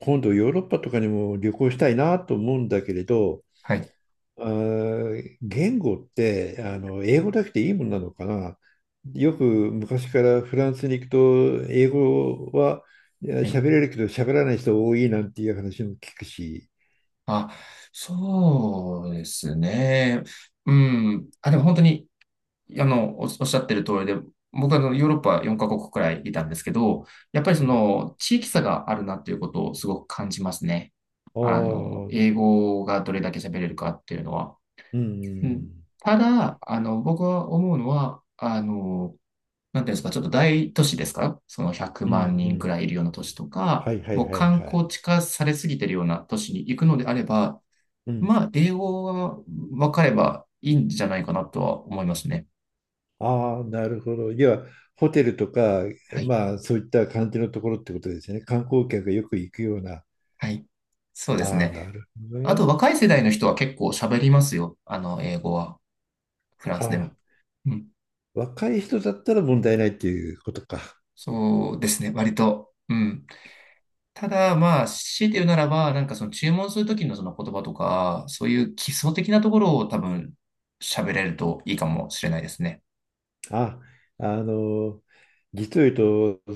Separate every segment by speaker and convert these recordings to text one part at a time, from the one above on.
Speaker 1: 今度ヨーロッパとかにも旅行したいなと思うんだけれど、
Speaker 2: はい。
Speaker 1: 言語って英語だけでいいもんなのかな。よく昔からフランスに行くと英語は
Speaker 2: はい。
Speaker 1: 喋れるけど喋らない人多いなんていう話も聞くし。
Speaker 2: あ、そうですね。うん。あ、でも本当に、おっしゃってる通りで、僕はヨーロッパ4カ国くらいいたんですけど、やっぱり
Speaker 1: う
Speaker 2: そ
Speaker 1: ん、
Speaker 2: の地域差があるなっていうことをすごく感じますね。
Speaker 1: ああ、うん、
Speaker 2: 英語がどれだけ喋れるかっていうのは。
Speaker 1: う
Speaker 2: うん。
Speaker 1: ん、
Speaker 2: ただ、僕は思うのは、なんていうんですか、ちょっと大都市ですか？その100
Speaker 1: う
Speaker 2: 万人く
Speaker 1: ん。
Speaker 2: らいいるような都市と
Speaker 1: は
Speaker 2: か、
Speaker 1: いはい
Speaker 2: もう
Speaker 1: はい
Speaker 2: 観
Speaker 1: はい。
Speaker 2: 光地化されすぎてるような都市に行くのであれば、
Speaker 1: うん。
Speaker 2: まあ、英語が分かればいいんじゃないかなとは思いますね。
Speaker 1: ああ、なるほど。要はホテルとか、
Speaker 2: はい。
Speaker 1: まあそういった感じのところってことですよね。観光客がよく行くような。
Speaker 2: はい。そうです
Speaker 1: ああ、な
Speaker 2: ね。
Speaker 1: るほど
Speaker 2: あと、
Speaker 1: ね。
Speaker 2: 若い世代の人は結構喋りますよ。英語は。フラン
Speaker 1: あ
Speaker 2: スで
Speaker 1: あ、
Speaker 2: も。うん。
Speaker 1: 若い人だったら問題ないっていうことか。
Speaker 2: そうですね。割と。うん。ただ、まあ、強いて言うならば、なんかその注文するときのその言葉とか、そういう基礎的なところを多分喋れるといいかもしれないですね。
Speaker 1: あ、あの、実を言う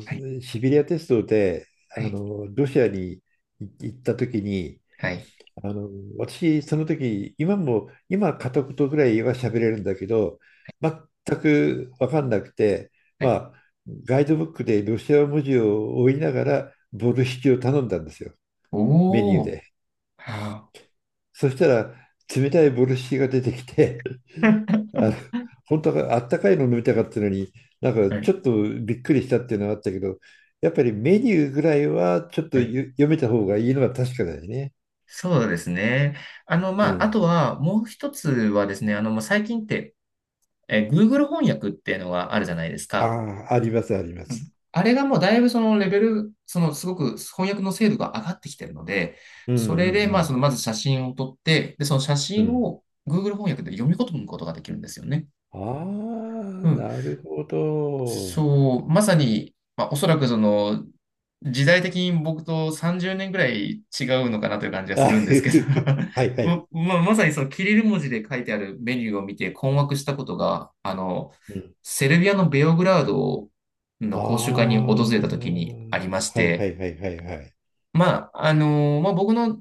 Speaker 2: はい、
Speaker 1: と、シベリア鉄道で、
Speaker 2: はい、
Speaker 1: ロシアに行った時に、
Speaker 2: はい、
Speaker 1: あの、私、その時、今も、今片言ぐらいは喋れるんだけど、全く分かんなくて、
Speaker 2: は
Speaker 1: ま
Speaker 2: い。
Speaker 1: あ、ガイドブックでロシア文字を追いながら、ボルシチを頼んだんですよ、メニュー
Speaker 2: おー、
Speaker 1: で。
Speaker 2: は
Speaker 1: そしたら、冷たいボルシチが出てきて、
Speaker 2: あ
Speaker 1: あ、本当はあったかいの飲みたかったのに、なん
Speaker 2: は
Speaker 1: かち
Speaker 2: い、
Speaker 1: ょっとびっくりしたっていうのはあったけど、やっぱりメニューぐらいはちょっと
Speaker 2: はい、
Speaker 1: ゆ読めた方がいいのは確かだよね。
Speaker 2: そうですね。
Speaker 1: う
Speaker 2: まあ、あ
Speaker 1: ん。
Speaker 2: とは、もう一つはですね、もう最近って、Google 翻訳っていうのがあるじゃないです
Speaker 1: あ
Speaker 2: か。
Speaker 1: あ、あります、ありま
Speaker 2: う
Speaker 1: す。
Speaker 2: ん、あれがもうだいぶそのレベル、そのすごく翻訳の精度が上がってきてるので、
Speaker 1: うんう
Speaker 2: それでまあそ
Speaker 1: ん
Speaker 2: のまず写真を撮って、で、その写
Speaker 1: うん。う
Speaker 2: 真
Speaker 1: ん。
Speaker 2: を Google 翻訳で読み込むことができるんですよね。
Speaker 1: ああ、
Speaker 2: うん。
Speaker 1: なるほど。
Speaker 2: そう、まさに、まあ、おそらくその、時代的に僕と30年ぐらい違うのかなという感じ はす
Speaker 1: あ
Speaker 2: るんで
Speaker 1: ふ
Speaker 2: すけど、
Speaker 1: ふふはいはい。
Speaker 2: まあまさにそのキリル文字で書いてあるメニューを見て困惑したことが、
Speaker 1: うん。
Speaker 2: セルビアのベオグラード
Speaker 1: ああ、
Speaker 2: の講習会に訪れた時に
Speaker 1: は
Speaker 2: ありまし
Speaker 1: いは
Speaker 2: て、
Speaker 1: いはいはいはい。
Speaker 2: まあ、まあ、僕の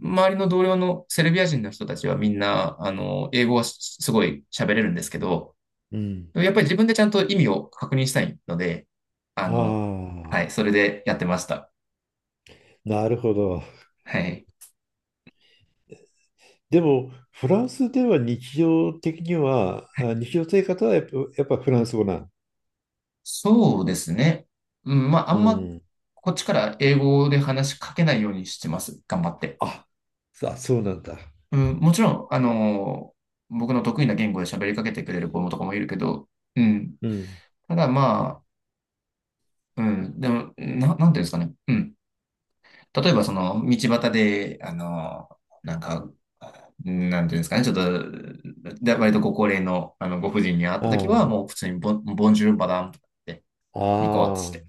Speaker 2: 周りの同僚のセルビア人の人たちはみんな、英語はすごい喋れるんですけど、
Speaker 1: うん。
Speaker 2: でもやっぱり自分でちゃんと意味を確認したいので、あ
Speaker 1: あ
Speaker 2: の、はい、
Speaker 1: あ、
Speaker 2: それでやってました。
Speaker 1: なるほど。
Speaker 2: はい。
Speaker 1: でも、フランスでは日常的には、あ、日常生活はやっぱ、やっぱフランス語なん。
Speaker 2: そうですね。うん、まあ、
Speaker 1: うん。
Speaker 2: こっちから英語で話しかけないようにしてます。頑張って。
Speaker 1: あ、そうなんだ。
Speaker 2: うん、もちろん、僕の得意な言語で喋りかけてくれる子もとかもいるけど、うん。
Speaker 1: うん。
Speaker 2: ただまあ、うん、でも、なんていうんですかね。うん。例えばその道端で、なんか、なんていうんですかね、ちょっと、で割とご高齢の、ご婦人に会ったとき
Speaker 1: あ
Speaker 2: は、もう普通にボンジュールマダムとか言って、
Speaker 1: あ、
Speaker 2: ニコってし
Speaker 1: ああ、
Speaker 2: て、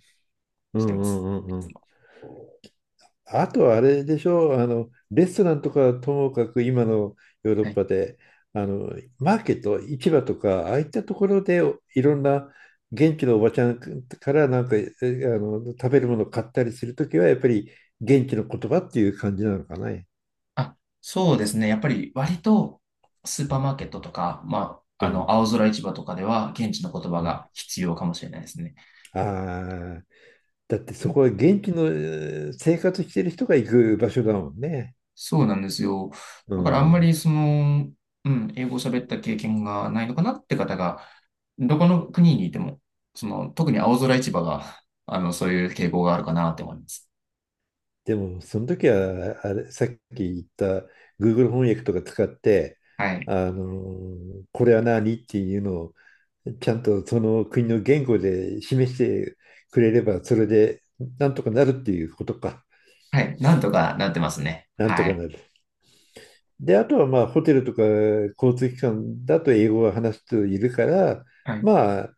Speaker 1: うんう
Speaker 2: してます。
Speaker 1: んう
Speaker 2: い
Speaker 1: んう
Speaker 2: つ
Speaker 1: ん。
Speaker 2: も。
Speaker 1: あとはあれでしょう、レストランとかともかく今のヨーロ
Speaker 2: は
Speaker 1: ッ
Speaker 2: い。
Speaker 1: パで、あの、マーケット、市場とか、ああいったところでいろんな現地のおばちゃんからなんか、食べるものを買ったりするときは、やっぱり現地の言葉っていう感じなのかね。
Speaker 2: あ、そうですね。やっぱり割とスーパーマーケットとか、まあ、
Speaker 1: うん
Speaker 2: 青空市場とかでは現地の言葉
Speaker 1: うん。
Speaker 2: が必要かもしれないですね。
Speaker 1: ああ、だってそこは現地の生活してる人が行く場所だもんね。
Speaker 2: そうなんですよ。
Speaker 1: う
Speaker 2: だからあんま
Speaker 1: ん。
Speaker 2: りその、うん、英語を喋った経験がないのかなって方が、どこの国にいても、その、特に青空市場が、そういう傾向があるかなって思います。
Speaker 1: でも、その時は、あれ、さっき言った Google 翻訳とか使って、
Speaker 2: はい。
Speaker 1: あのこれは何っていうのを、ちゃんとその国の言語で示してくれれば、それでなんとかなるっていうことか。
Speaker 2: はい。なんとかなってますね。
Speaker 1: なんと
Speaker 2: は
Speaker 1: かな
Speaker 2: い。
Speaker 1: る。で、あとはまあ、ホテルとか交通機関だと英語が話す人いるから、
Speaker 2: はい。
Speaker 1: まあ、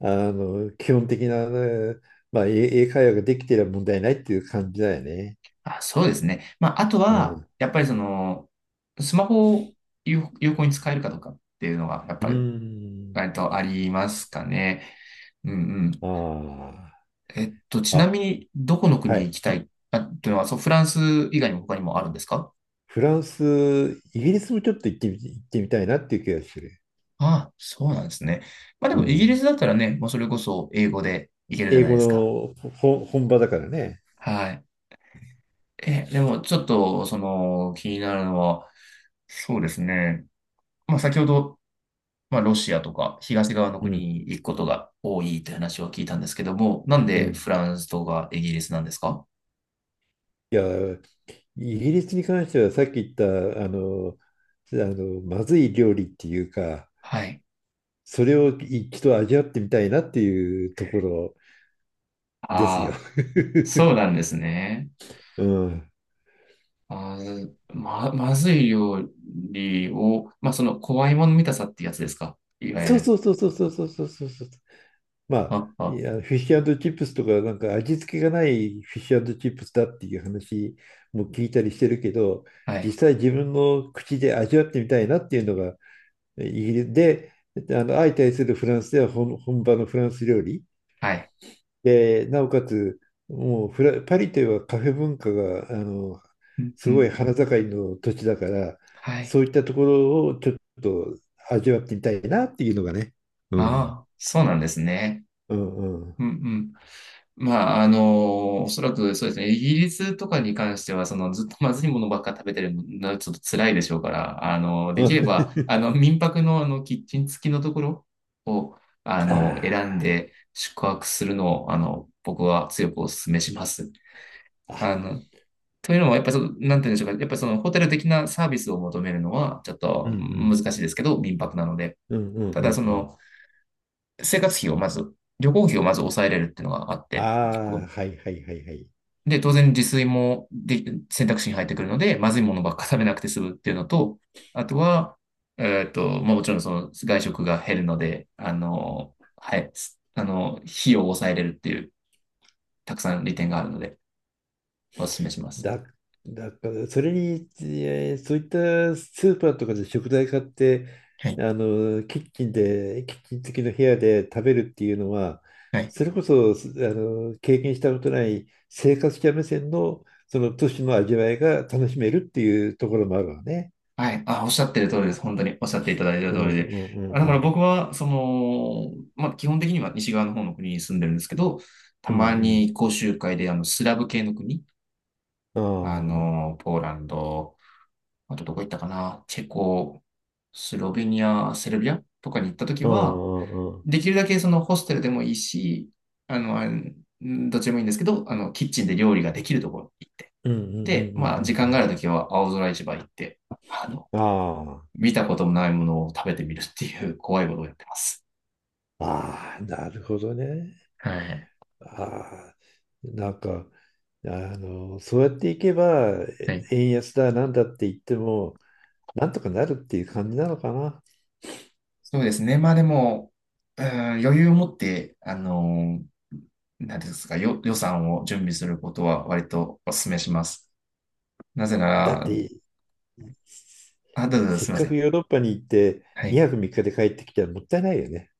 Speaker 1: 基本的な、ね、まあ、英会話ができてれば問題ないっていう感じだよね。
Speaker 2: あ、そうですね。まあ、あと
Speaker 1: う
Speaker 2: は、
Speaker 1: ん。
Speaker 2: やっぱりその、スマホを有効に使えるかどうかっていうのが、やっ
Speaker 1: うー
Speaker 2: ぱり、
Speaker 1: ん。
Speaker 2: 割とありますかね。うん、うん。
Speaker 1: あ
Speaker 2: ち
Speaker 1: あ。
Speaker 2: な
Speaker 1: あ、
Speaker 2: みに、どこの
Speaker 1: は
Speaker 2: 国に
Speaker 1: い。
Speaker 2: 行きたいというのは、そう、フランス以外にも他にもあるんですか？
Speaker 1: フランス、イギリスもちょっと行ってみ、行ってみたいなっていう気がする。
Speaker 2: ああ、そうなんですね。まあで
Speaker 1: う
Speaker 2: も、イギリ
Speaker 1: ん。
Speaker 2: スだったらね、もうそれこそ英語で行けるじゃ
Speaker 1: 英
Speaker 2: ない
Speaker 1: 語
Speaker 2: ですか。
Speaker 1: のほ本場だからね。
Speaker 2: はい。え、でも、ちょっと、その、気になるのは、そうですね。まあ、先ほど、まあ、ロシアとか東側の
Speaker 1: う
Speaker 2: 国
Speaker 1: ん。
Speaker 2: に行くことが多いという話を聞いたんですけども、なん
Speaker 1: う
Speaker 2: でフ
Speaker 1: ん。
Speaker 2: ランスとかイギリスなんですか？
Speaker 1: いや、イギリスに関してはさっき言った、まずい料理っていうか、
Speaker 2: はい。
Speaker 1: それを一度味わってみたいなっていうところです
Speaker 2: あ
Speaker 1: よ。
Speaker 2: あ、そう なんですね。
Speaker 1: うん。
Speaker 2: まず、まずい料理を、まあ、その、怖いもの見たさってやつですか、いわゆ
Speaker 1: そう
Speaker 2: る。
Speaker 1: そうそうそうそうそうそうそうそう。まあ、
Speaker 2: あ、
Speaker 1: い
Speaker 2: あ、
Speaker 1: や、フィッシュチップスとか、なんか味付けがないフィッシュチップスだっていう話も聞いたりしてるけど、
Speaker 2: は
Speaker 1: 実
Speaker 2: い、
Speaker 1: 際自分の口で味わってみたいなっていうのが、イギリスで、あの相対するフランスでは本場のフランス料理
Speaker 2: はい。
Speaker 1: で、なおかつ、もうフラ、パリといえばカフェ文化が、
Speaker 2: うん、う
Speaker 1: すごい
Speaker 2: ん、
Speaker 1: 花盛りの土地だから、
Speaker 2: はい。
Speaker 1: そういったところをちょっと味わってみたいなっていうのがね。うん。
Speaker 2: ああ、そうなんですね。
Speaker 1: うんうん。
Speaker 2: うん、うん。まあ、おそらくそうですね。イギリスとかに関しては、その、ずっとまずいものばっか食べてるのはちょっと辛いでしょうから、あので
Speaker 1: う
Speaker 2: きれば、
Speaker 1: ん。
Speaker 2: 民泊のキッチン付きのところを、
Speaker 1: あ
Speaker 2: 選んで宿泊するのを、僕は強くお勧めします。
Speaker 1: ーあ、
Speaker 2: あの、というのは、やっぱりその、なんて言うんでしょうか。やっぱりそのホテル的なサービスを求めるのは、ちょっ
Speaker 1: う
Speaker 2: と
Speaker 1: んう
Speaker 2: 難
Speaker 1: ん。
Speaker 2: しいですけど、民泊なので。
Speaker 1: うんうん
Speaker 2: た
Speaker 1: う
Speaker 2: だ、
Speaker 1: ん
Speaker 2: そ
Speaker 1: うん。
Speaker 2: の、生活費をまず、旅行費をまず抑えれるっていうのがあって、
Speaker 1: ああ、
Speaker 2: こう
Speaker 1: はいはいはいはい。
Speaker 2: で、当然自炊も選択肢に入ってくるので、まずいものばっか食べなくて済むっていうのと、あとは、まあ、もちろんその外食が減るので、はい、費用を抑えれるっていう、たくさん利点があるので、お勧めします。
Speaker 1: だ、だからそれに、そういったスーパーとかで食材買って、
Speaker 2: はい。
Speaker 1: キッチン付きの部屋で食べるっていうのは、
Speaker 2: はい、
Speaker 1: それこそ、すあの、経験したことない生活者目線の、その都市の味わいが楽しめるっていうところもあるわね。
Speaker 2: はい。あ、おっしゃってる通りです。本当におっしゃっていただいてる
Speaker 1: うん
Speaker 2: 通りで。
Speaker 1: うんうん
Speaker 2: あ、だ
Speaker 1: う
Speaker 2: から
Speaker 1: ん。
Speaker 2: 僕は、その、まあ、基本的には西側の方の国に住んでるんですけど、た
Speaker 1: う
Speaker 2: ま
Speaker 1: ん
Speaker 2: に講習会で、スラブ系の国、
Speaker 1: うん。ああ。
Speaker 2: ポーランド、あとどこ行ったかな、チェコ、スロベニア、セルビアとかに行ったとき
Speaker 1: う
Speaker 2: は、
Speaker 1: んうんうん。
Speaker 2: できるだけそのホステルでもいいし、あの、あんどっちでもいいんですけど、キッチンで料理ができるところに行って、
Speaker 1: うんうんう
Speaker 2: で、
Speaker 1: んう
Speaker 2: まあ、時
Speaker 1: んう
Speaker 2: 間があ
Speaker 1: ん
Speaker 2: るときは青空市場行って、あの
Speaker 1: うん。ああ。
Speaker 2: 見たこともないものを食べてみるっていう 怖いことをやってます。
Speaker 1: ああ、なるほどね。
Speaker 2: はい。
Speaker 1: ああ、なんか、あそうやっていけば、
Speaker 2: は
Speaker 1: え
Speaker 2: い。
Speaker 1: 円安だなんだって言っても、なんとかなるっていう感じなのかな。
Speaker 2: そうですね。まあでも、うーん、余裕を持って、何ですか、予算を準備することは割とお勧めします。なぜな
Speaker 1: だっ
Speaker 2: ら、
Speaker 1: て、せ
Speaker 2: あ、どうぞどうぞ、
Speaker 1: せ
Speaker 2: す
Speaker 1: っ
Speaker 2: みま
Speaker 1: か
Speaker 2: せ
Speaker 1: く
Speaker 2: ん。
Speaker 1: ヨーロッパに行って、
Speaker 2: はい。
Speaker 1: 2泊3日で帰ってきたらもったいないよね。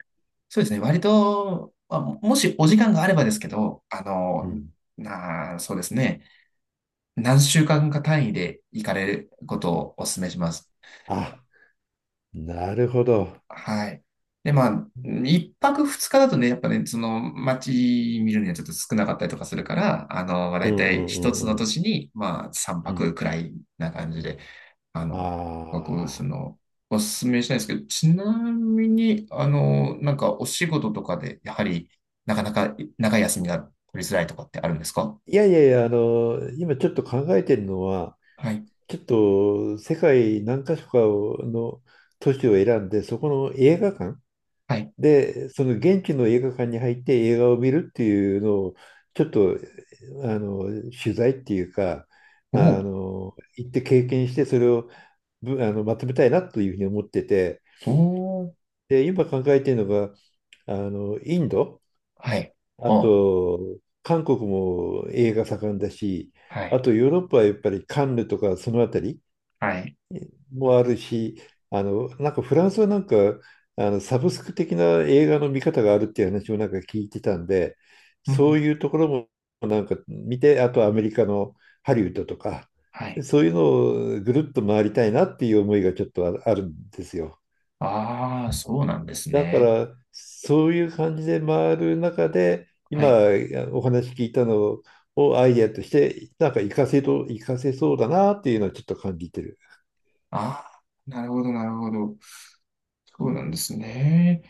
Speaker 2: そうですね。割と、まあ、もしお時間があればですけど、あ
Speaker 1: う
Speaker 2: の
Speaker 1: ん。
Speaker 2: ーなあ、そうですね。何週間か単位で行かれることをお勧めします。
Speaker 1: あ、なるほど。
Speaker 2: はい。で、まあ、一泊二日だとね、やっぱね、その街見るにはちょっと少なかったりとかするから、まあ、
Speaker 1: う
Speaker 2: 大
Speaker 1: んう
Speaker 2: 体
Speaker 1: んう
Speaker 2: 一つの
Speaker 1: んう
Speaker 2: 都
Speaker 1: ん。
Speaker 2: 市に、まあ、三
Speaker 1: うん。
Speaker 2: 泊くらいな感じで、あ
Speaker 1: あ
Speaker 2: の、僕、そ
Speaker 1: あ。
Speaker 2: の、おすすめしたいんですけど、ちなみに、なんかお仕事とかで、やはり、なかなか長い休みが取りづらいとかってあるんですか？
Speaker 1: いやいやいや、あの、今ちょっと考えてるのは、
Speaker 2: はい。
Speaker 1: ちょっと世界何か所かの都市を選んで、
Speaker 2: はい。
Speaker 1: その現地の映画館に入って映画を見るっていうのを、ちょっと、あの、取材っていうか、
Speaker 2: お
Speaker 1: あ
Speaker 2: お、
Speaker 1: の、行って経験して、それをぶ、あの、まとめたいなというふうに思ってて、
Speaker 2: おお、
Speaker 1: で、今考えているのが、あの、インド、
Speaker 2: はい。
Speaker 1: あ
Speaker 2: お、
Speaker 1: と、韓国も映画盛んだし、
Speaker 2: は
Speaker 1: あ
Speaker 2: い。
Speaker 1: とヨーロッパはやっぱりカンヌとかそのあたり
Speaker 2: はい。
Speaker 1: もあるし、あの、なんかフランスはなんか、あの、サブスク的な映画の見方があるっていう話もなんか聞いてたんで、
Speaker 2: うん、う
Speaker 1: そう
Speaker 2: ん。
Speaker 1: いうところもなんか見て、あとアメリカのハリウッドとか、
Speaker 2: はい。
Speaker 1: そういうのをぐるっと回りたいなっていう思いがちょっとあるんですよ。
Speaker 2: ああ、そうなんです
Speaker 1: だか
Speaker 2: ね。
Speaker 1: ら、そういう感じで回る中で、
Speaker 2: は
Speaker 1: 今
Speaker 2: い。
Speaker 1: お話聞いたのをアイデアとして、活かせそうだなっていうのはちょっと感じてる。
Speaker 2: ああ、なるほど、なるほど。そうなんですね。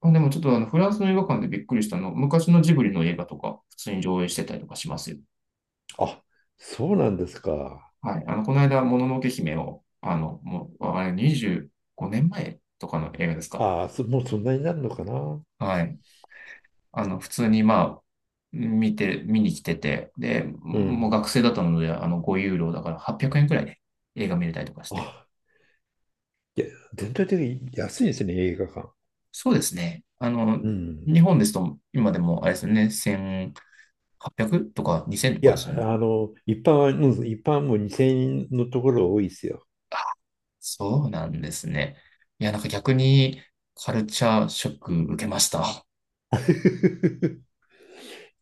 Speaker 2: あ、でもちょっとフランスの映画館でびっくりしたの、昔のジブリの映画とか、普通に上映してたりとかしますよ。
Speaker 1: あ、そうなんですか。
Speaker 2: はい。この間、もののけ姫を、もう、あれ、25年前とかの映画ですか。
Speaker 1: ああ、そもうそんなになるのかな。
Speaker 2: はい。普通に、まあ、見に来てて、で、
Speaker 1: う
Speaker 2: もう
Speaker 1: ん。
Speaker 2: 学生だったので、5ユーロだから800円くえんくらいで映画見れたりとかして。
Speaker 1: あ、いや、全体的に安いですね、映画館。
Speaker 2: そうですね。
Speaker 1: うん。
Speaker 2: 日本ですと、今でも、あれですよね、1000、800とか2000と
Speaker 1: い
Speaker 2: かです
Speaker 1: や、
Speaker 2: よね。
Speaker 1: あの、一般は、うん、一般も2000円のところ多いですよ。
Speaker 2: あ、そうなんですね。いや、なんか逆にカルチャーショック受けました。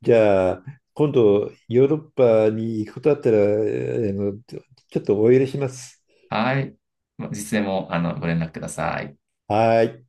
Speaker 1: じゃあ、今度、ヨーロッパに行くことあったら、あの、ちょっとお許しします。
Speaker 2: はい。まあいつでも、ご連絡ください。
Speaker 1: はーい。